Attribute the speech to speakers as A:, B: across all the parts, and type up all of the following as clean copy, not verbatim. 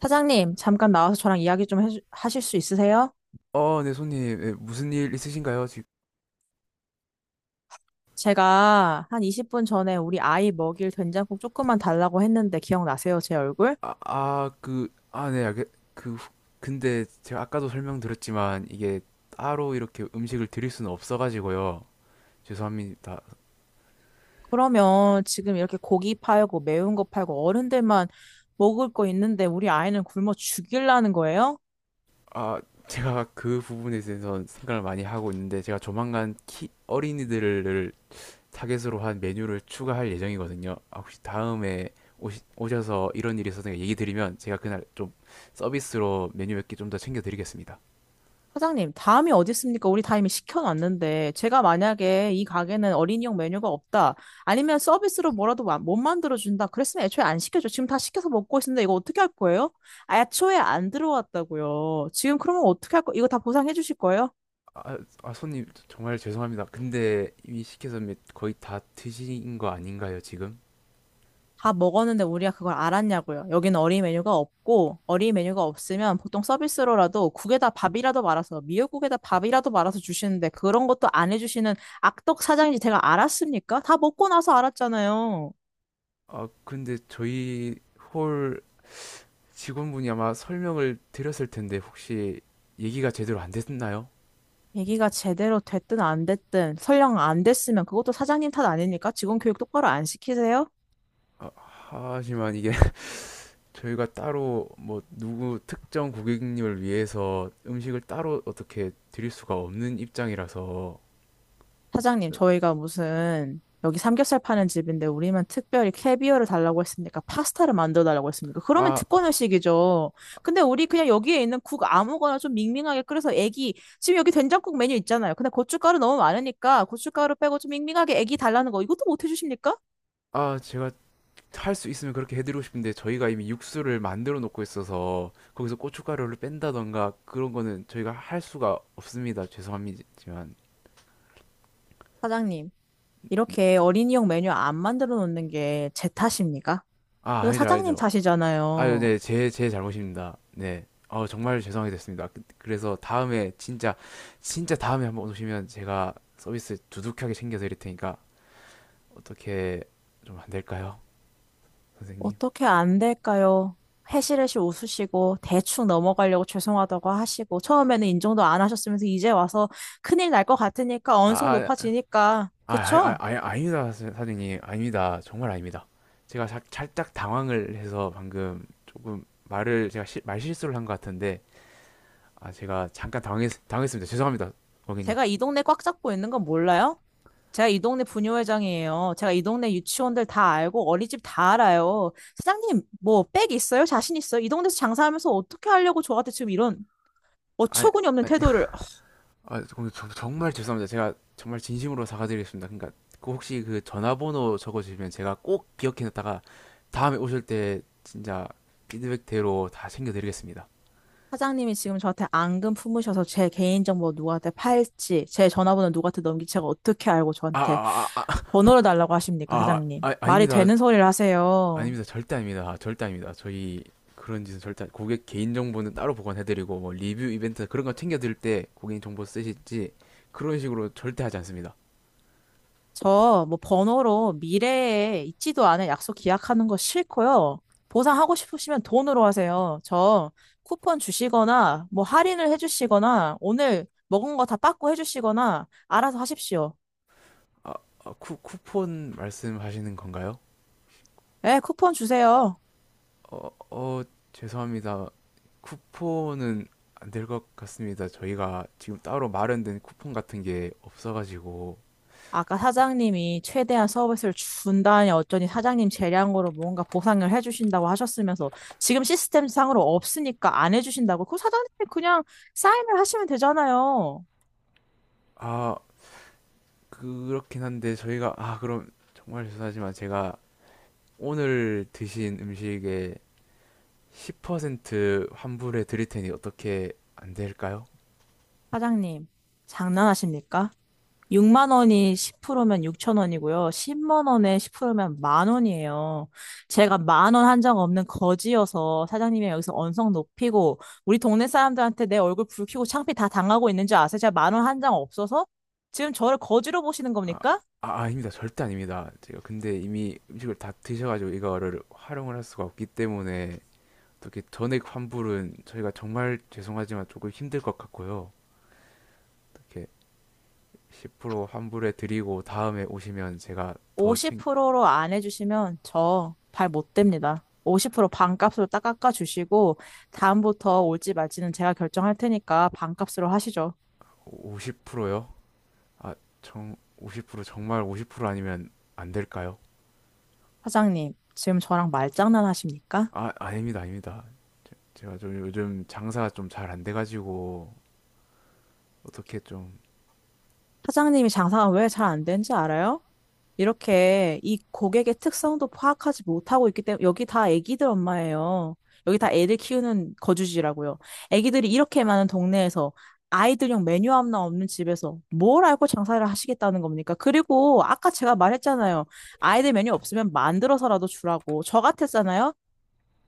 A: 사장님, 잠깐 나와서 저랑 이야기 좀 하실 수 있으세요?
B: 어, 네, 손님, 예, 무슨 일 있으신가요? 지금,
A: 제가 한 20분 전에 우리 아이 먹일 된장국 조금만 달라고 했는데 기억나세요, 제 얼굴?
B: 아, 그, 아, 네, 알겠, 그, 근데 제가 아까도 설명드렸지만, 이게 따로 이렇게 음식을 드릴 수는 없어가지고요. 죄송합니다.
A: 그러면 지금 이렇게 고기 팔고 매운 거 팔고 어른들만 먹을 거 있는데 우리 아이는 굶어 죽일라는 거예요?
B: 아, 제가 그 부분에 대해서 생각을 많이 하고 있는데, 제가 조만간 어린이들을 타겟으로 한 메뉴를 추가할 예정이거든요. 아, 혹시 다음에 오셔서 이런 일이 있어서 얘기 드리면, 제가 그날 좀 서비스로 메뉴 몇 개 좀 더 챙겨드리겠습니다.
A: 사장님, 다음이 어디 있습니까? 우리 다 이미 시켜놨는데, 제가 만약에 이 가게는 어린이용 메뉴가 없다, 아니면 서비스로 뭐라도 못 만들어준다, 그랬으면 애초에 안 시켜줘. 지금 다 시켜서 먹고 있는데 이거 어떻게 할 거예요? 애초에 안 들어왔다고요. 지금 그러면 어떻게 할 거, 이거 다 보상해 주실 거예요?
B: 손님 정말 죄송합니다. 근데 이미 시켜서 거의 다 드신 거 아닌가요, 지금?
A: 다 먹었는데 우리가 그걸 알았냐고요. 여기는 어린 메뉴가 없고 어린 메뉴가 없으면 보통 서비스로라도 국에다 밥이라도 말아서 미역국에다 밥이라도 말아서 주시는데 그런 것도 안 해주시는 악덕 사장인지 제가 알았습니까? 다 먹고 나서 알았잖아요.
B: 아, 근데 저희 홀 직원분이 아마 설명을 드렸을 텐데 혹시 얘기가 제대로 안 됐나요?
A: 얘기가 제대로 됐든 안 됐든 설령 안 됐으면 그것도 사장님 탓 아닙니까? 직원 교육 똑바로 안 시키세요?
B: 아, 하지만 이게 저희가 따로 뭐 누구 특정 고객님을 위해서 음식을 따로 어떻게 드릴 수가 없는 입장이라서.
A: 사장님, 저희가 무슨 여기 삼겹살 파는 집인데 우리만 특별히 캐비어를 달라고 했습니까? 파스타를 만들어 달라고 했습니까? 그러면
B: 아,
A: 특권 의식이죠. 근데 우리 그냥 여기에 있는 국 아무거나 좀 밍밍하게 끓여서 애기 지금 여기 된장국 메뉴 있잖아요. 근데 고춧가루 너무 많으니까 고춧가루 빼고 좀 밍밍하게 애기 달라는 거 이것도 못 해주십니까?
B: 제가 할 수 있으면 그렇게 해드리고 싶은데 저희가 이미 육수를 만들어 놓고 있어서 거기서 고춧가루를 뺀다던가 그런 거는 저희가 할 수가 없습니다. 죄송합니다만.
A: 사장님,
B: 네.
A: 이렇게 어린이용 메뉴 안 만들어 놓는 게 제 탓입니까?
B: 아,
A: 이거
B: 아니죠,
A: 사장님
B: 아니죠. 아유,
A: 탓이잖아요.
B: 네, 제 잘못입니다. 네. 어, 정말 죄송하게 됐습니다. 그래서 다음에 진짜, 진짜 다음에 한번 오시면 제가 서비스 두둑하게 챙겨드릴 테니까 어떻게 좀 안 될까요? 선생님?
A: 어떻게 안 될까요? 해시레시 웃으시고 대충 넘어가려고 죄송하다고 하시고 처음에는 인정도 안 하셨으면서 이제 와서 큰일 날 것 같으니까
B: 아,
A: 언성
B: 아,
A: 높아지니까 그쵸?
B: 아, 아닙니다, 사장님. 아닙니다. 정말 아닙니다. 제가 살짝 당황을 해서 방금 조금 말을 제가 말실수를 한 것 같은데, 아, 제가 잠깐 당했습니다. 죄송합니다, 고객님.
A: 제가 이 동네 꽉 잡고 있는 건 몰라요? 제가 이 동네 부녀회장이에요. 제가 이 동네 유치원들 다 알고 어린이집 다 알아요. 사장님 뭐 백 있어요? 자신 있어요? 이 동네에서 장사하면서 어떻게 하려고 저한테 지금 이런
B: 아,
A: 어처구니 없는
B: 아니,
A: 태도를.
B: 아, 고객님, 정말 죄송합니다. 제가 정말 진심으로 사과드리겠습니다. 그러니까 그 혹시 그 전화번호 적어주시면 제가 꼭 기억해놨다가 다음에 오실 때 진짜 피드백대로 다 챙겨드리겠습니다.
A: 사장님이 지금 저한테 앙금 품으셔서 제 개인정보 누구한테 팔지, 제 전화번호 누구한테 넘길지 제가 어떻게 알고
B: 아,
A: 저한테
B: 아, 아, 아,
A: 번호를 달라고 하십니까, 사장님?
B: 아,
A: 말이
B: 아닙니다.
A: 되는 소리를 하세요.
B: 아닙니다. 절대 아닙니다. 아, 절대 아닙니다. 저희 그런 짓은 절대 고객 개인 정보는 따로 보관해드리고 뭐 리뷰 이벤트 그런 거 챙겨드릴 때 고객 정보 쓰실지 그런 식으로 절대 하지 않습니다.
A: 저 뭐 번호로 미래에 있지도 않은 약속 기약하는 거 싫고요. 보상하고 싶으시면 돈으로 하세요. 저 쿠폰 주시거나 뭐 할인을 해주시거나 오늘 먹은 거 다 빠꾸 해주시거나 알아서 하십시오.
B: 아, 아, 쿠폰 말씀하시는 건가요?
A: 예, 쿠폰 주세요.
B: 어, 어, 죄송합니다. 쿠폰은 안 될 것 같습니다. 저희가 지금 따로 마련된 쿠폰 같은 게 없어가지고.
A: 아까 사장님이 최대한 서비스를 준다니 어쩌니 사장님 재량으로 뭔가 보상을 해주신다고 하셨으면서 지금 시스템상으로 없으니까 안 해주신다고 그 사장님이 그냥 사인을 하시면 되잖아요.
B: 아, 그렇긴 한데 저희가 아, 그럼 정말 죄송하지만 제가 오늘 드신 음식에 10% 환불해 드릴 테니 어떻게 안 될까요?
A: 사장님, 장난하십니까? 6만 원이 10%면 6천 원이고요. 10만 원에 10%면 만 원이에요. 제가 만 원 한 장 없는 거지여서 사장님이 여기서 언성 높이고 우리 동네 사람들한테 내 얼굴 붉히고 창피 다 당하고 있는 줄 아세요? 제가 만 원 한 장 없어서 지금 저를 거지로 보시는
B: 아,
A: 겁니까?
B: 아닙니다. 절대 아닙니다. 제가 근데 이미 음식을 다 드셔가지고 이거를 활용을 할 수가 없기 때문에 어떻게 전액 환불은 저희가 정말 죄송하지만 조금 힘들 것 같고요. 어떻게 10% 환불해 드리고 다음에 오시면 제가 더 챙,
A: 50%로 안 해주시면 저 발 못 댑니다. 50% 반값으로 딱 깎아주시고 다음부터 올지 말지는 제가 결정할 테니까 반값으로 하시죠.
B: 50%요? 아, 정, 50% 정말 50% 아니면 안 될까요?
A: 사장님, 지금 저랑 말장난 하십니까?
B: 아, 아닙니다. 아닙니다. 제가 좀 요즘 장사가 좀 잘 안 돼가지고 어떻게 좀.
A: 사장님이 장사가 왜 잘 안 되는지 알아요? 이렇게 이 고객의 특성도 파악하지 못하고 있기 때문에 여기 다 애기들 엄마예요. 여기 다 애들 키우는 거주지라고요. 애기들이 이렇게 많은 동네에서 아이들용 메뉴 하나 없는 집에서 뭘 알고 장사를 하시겠다는 겁니까? 그리고 아까 제가 말했잖아요. 아이들 메뉴 없으면 만들어서라도 주라고. 저 같았잖아요.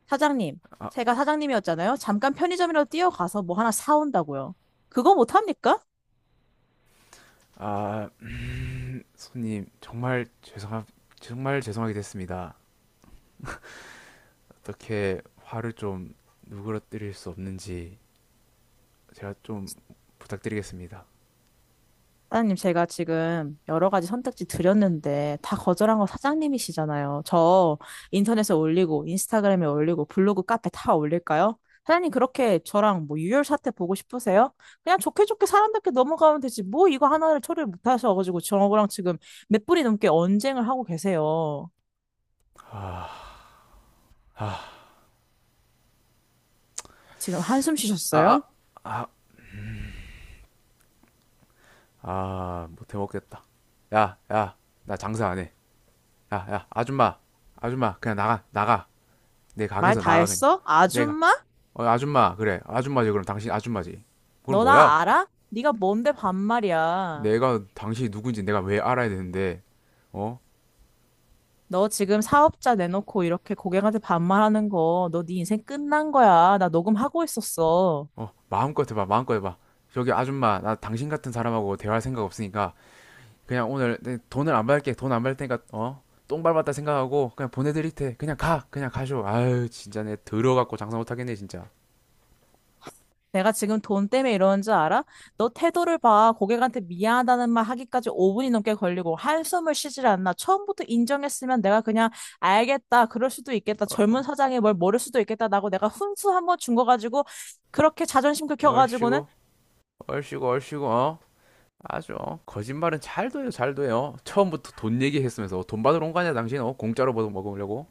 A: 사장님.
B: 아,
A: 제가 사장님이었잖아요. 잠깐 편의점이라도 뛰어가서 뭐 하나 사온다고요. 그거 못합니까?
B: 아, 손님, 정말 죄송하, 정말 죄송하게 됐습니다. 어떻게 화를 좀 누그러뜨릴 수 없는지 제가 좀 부탁드리겠습니다.
A: 사장님, 제가 지금 여러 가지 선택지 드렸는데 다 거절한 거 사장님이시잖아요. 저 인터넷에 올리고 인스타그램에 올리고 블로그 카페 다 올릴까요? 사장님 그렇게 저랑 뭐 유혈 사태 보고 싶으세요? 그냥 좋게 좋게 사람답게 넘어가면 되지. 뭐 이거 하나를 처리를 못 하셔가지고 저랑 지금 몇 분이 넘게 언쟁을 하고 계세요.
B: 아, 아,
A: 지금 한숨
B: 아,
A: 쉬셨어요?
B: 아, 아, 아, 못해 먹겠다. 야, 야, 나 장사 안 해. 야, 야, 아줌마, 아줌마, 그냥 나가, 나가. 내
A: 말
B: 가게에서
A: 다
B: 나가, 그냥.
A: 했어?
B: 내가,
A: 아줌마?
B: 어, 아줌마, 그래. 아줌마지, 그럼 당신 아줌마지. 그럼
A: 너
B: 뭐야?
A: 나 알아? 네가 뭔데 반말이야.
B: 내가 당신이 누군지 내가 왜 알아야 되는데, 어?
A: 너 지금 사업자 내놓고 이렇게 고객한테 반말하는 거, 너 네 인생 끝난 거야. 나 녹음하고 있었어.
B: 어, 마음껏 해봐, 마음껏 해봐. 저기 아줌마, 나 당신 같은 사람하고 대화할 생각 없으니까 그냥 오늘 내 돈을 안 받을게, 돈 안 받을 테니까 어, 똥 밟았다 생각하고 그냥 보내드릴 테, 그냥 가, 그냥 가쇼. 아유, 진짜 내 들어갖고 장사 못하겠네 진짜.
A: 내가 지금 돈 때문에 이러는 줄 알아? 너 태도를 봐. 고객한테 미안하다는 말 하기까지 5분이 넘게 걸리고 한숨을 쉬질 않나. 처음부터 인정했으면 내가 그냥 알겠다. 그럴 수도 있겠다.
B: 어,
A: 젊은 사장이 뭘 모를 수도 있겠다. 라고 내가 훈수 한 번 준 거 가지고 그렇게 자존심 긁혀가지고는.
B: 얼씨구, 얼씨구, 얼씨구, 어, 아주 어. 거짓말은 잘 돼요, 잘 돼요. 처음부터 돈 얘기했으면서 어, 돈 받으러 온 거 아니야, 당신? 어, 공짜로 먹으려고?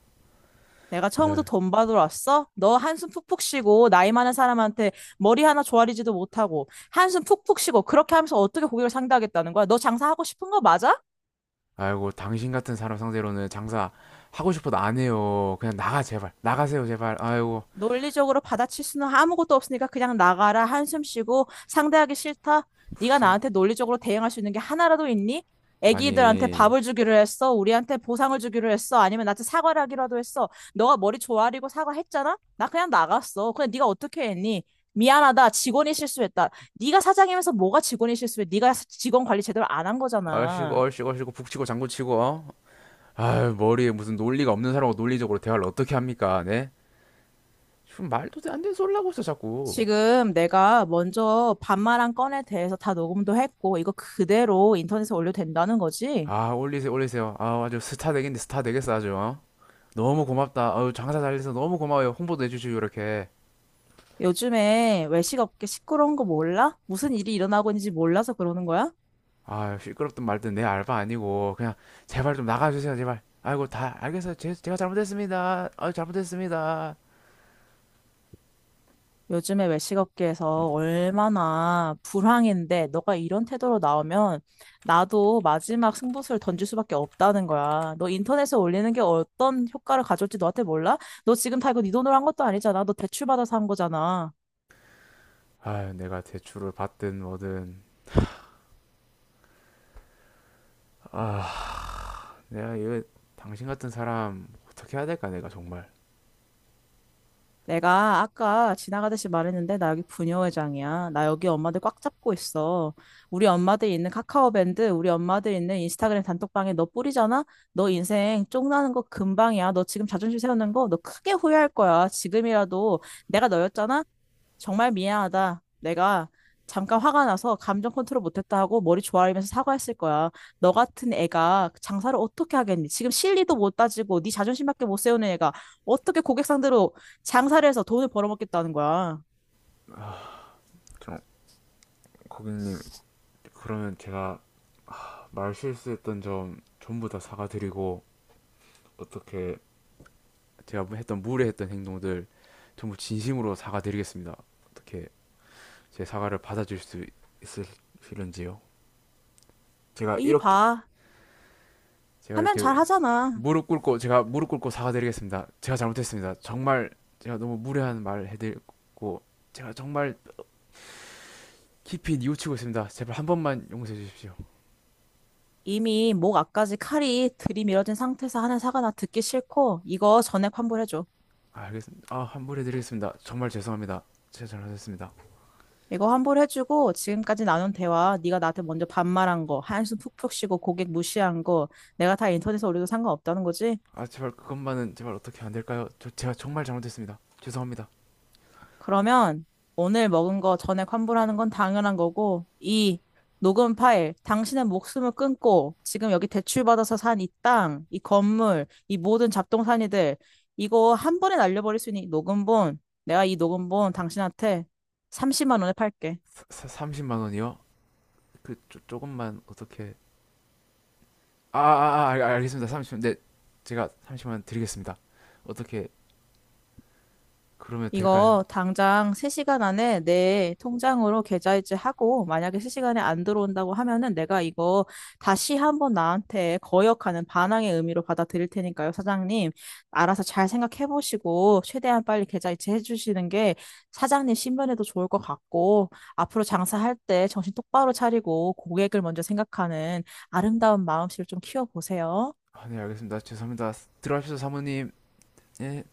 A: 내가
B: 에,
A: 처음부터 돈 받으러 왔어? 너 한숨 푹푹 쉬고 나이 많은 사람한테 머리 하나 조아리지도 못하고 한숨 푹푹 쉬고 그렇게 하면서 어떻게 고객을 상대하겠다는 거야? 너 장사하고 싶은 거 맞아?
B: 아이고, 당신 같은 사람 상대로는 장사 하고 싶어도 안 해요. 그냥 나가 제발, 나가세요 제발. 아이고,
A: 논리적으로 받아칠 수는 아무것도 없으니까 그냥 나가라. 한숨 쉬고 상대하기 싫다. 네가
B: 무슨.
A: 나한테 논리적으로 대응할 수 있는 게 하나라도 있니? 애기들한테
B: 아니,
A: 밥을 주기로 했어. 우리한테 보상을 주기로 했어. 아니면 나한테 사과를 하기라도 했어. 너가 머리 조아리고 사과했잖아? 나 그냥 나갔어. 근데 네가 어떻게 했니? 미안하다. 직원이 실수했다. 네가 사장이면서 뭐가 직원이 실수해? 네가 직원 관리 제대로 안 한
B: 얼씨구,
A: 거잖아.
B: 얼씨구, 얼씨구, 북치고 장구치고, 어? 아유, 머리에 무슨 논리가 없는 사람하고 논리적으로 대화를 어떻게 합니까, 네? 지금 말도 안 되는 소리 하고 있어, 자꾸.
A: 지금 내가 먼저 반말한 건에 대해서 다 녹음도 했고, 이거 그대로 인터넷에 올려도 된다는 거지?
B: 아, 올리세요, 올리세요. 아, 아주 스타 되겠네, 스타 되겠어, 아주, 어? 너무 고맙다. 아유, 장사 잘 돼서 너무 고마워요. 홍보도 해주시고, 이렇게.
A: 요즘에 외식업계 시끄러운 거 몰라? 무슨 일이 일어나고 있는지 몰라서 그러는 거야?
B: 아, 시끄럽든 말든 내 알바 아니고, 그냥, 제발 좀 나가주세요, 제발. 아이고, 다, 알겠어요. 제가 잘못했습니다. 아유, 잘못했습니다.
A: 요즘에 외식업계에서 얼마나 불황인데, 너가 이런 태도로 나오면 나도 마지막 승부수를 던질 수밖에 없다는 거야. 너 인터넷에 올리는 게 어떤 효과를 가져올지 너한테 몰라? 너 지금 다 이거 네 돈으로 한 것도 아니잖아. 너 대출받아서 한 거잖아.
B: 아유, 내가 대출을 받든 뭐든. 아. 내가 이거 당신 같은 사람 어떻게 해야 될까 내가 정말
A: 내가 아까 지나가듯이 말했는데 나 여기 부녀회장이야. 나 여기 엄마들 꽉 잡고 있어. 우리 엄마들 있는 카카오밴드, 우리 엄마들 있는 인스타그램 단톡방에 너 뿌리잖아? 너 인생 쪽나는 거 금방이야. 너 지금 자존심 세우는 거 너 크게 후회할 거야. 지금이라도 내가 너였잖아? 정말 미안하다. 내가 잠깐 화가 나서 감정 컨트롤 못했다 하고 머리 조아리면서 사과했을 거야. 너 같은 애가 장사를 어떻게 하겠니? 지금 실리도 못 따지고 네 자존심밖에 못 세우는 애가 어떻게 고객 상대로 장사를 해서 돈을 벌어먹겠다는 거야.
B: 좀, 고객님, 그러면 제가 하, 말 실수했던 점 전부 다 사과드리고 어떻게 제가 뭐 했던 무례했던 행동들 전부 진심으로 사과드리겠습니다. 어떻게 제 사과를 받아줄 수 있으실런지요. 제가
A: 이
B: 이렇게
A: 봐.
B: 제가
A: 하면
B: 이렇게
A: 잘 하잖아.
B: 무릎 꿇고 제가 무릎 꿇고 사과드리겠습니다. 제가 잘못했습니다. 정말 제가 너무 무례한 말 해드리고 제가 정말 깊이 뉘우치고 있습니다. 제발 한 번만 용서해 주십시오.
A: 이미 목 앞까지 칼이 들이밀어진 상태에서 하는 사과 나 듣기 싫고 이거 전액 환불해줘.
B: 알겠습니다. 아, 환불해 드리겠습니다. 정말 죄송합니다. 제가 잘못했습니다.
A: 이거 환불해주고 지금까지 나눈 대화 네가 나한테 먼저 반말한 거 한숨 푹푹 쉬고 고객 무시한 거 내가 다 인터넷에 올려도 상관없다는 거지?
B: 아, 제발 그것만은 제발 어떻게 안 될까요? 저 제가 정말 잘못했습니다. 죄송합니다.
A: 그러면 오늘 먹은 거 전액 환불하는 건 당연한 거고 이 녹음 파일 당신의 목숨을 끊고 지금 여기 대출받아서 산 이 땅, 이 건물, 이 모든 잡동사니들 이거 한 번에 날려버릴 수 있는 이 녹음본 내가 이 녹음본 당신한테 30만 원에 팔게.
B: 30만 원이요? 그 조금만 어떻게 알겠습니다. 30. 네. 제가 30만 원 드리겠습니다. 어떻게 그러면 될까요?
A: 이거 당장 3시간 안에 내 통장으로 계좌이체 하고 만약에 3시간에 안 들어온다고 하면은 내가 이거 다시 한번 나한테 거역하는 반항의 의미로 받아들일 테니까요, 사장님. 알아서 잘 생각해 보시고 최대한 빨리 계좌이체 해 주시는 게 사장님 신변에도 좋을 것 같고 앞으로 장사할 때 정신 똑바로 차리고 고객을 먼저 생각하는 아름다운 마음씨를 좀 키워 보세요.
B: 아, 네, 알겠습니다. 죄송합니다. 들어가십시오, 사모님. 예.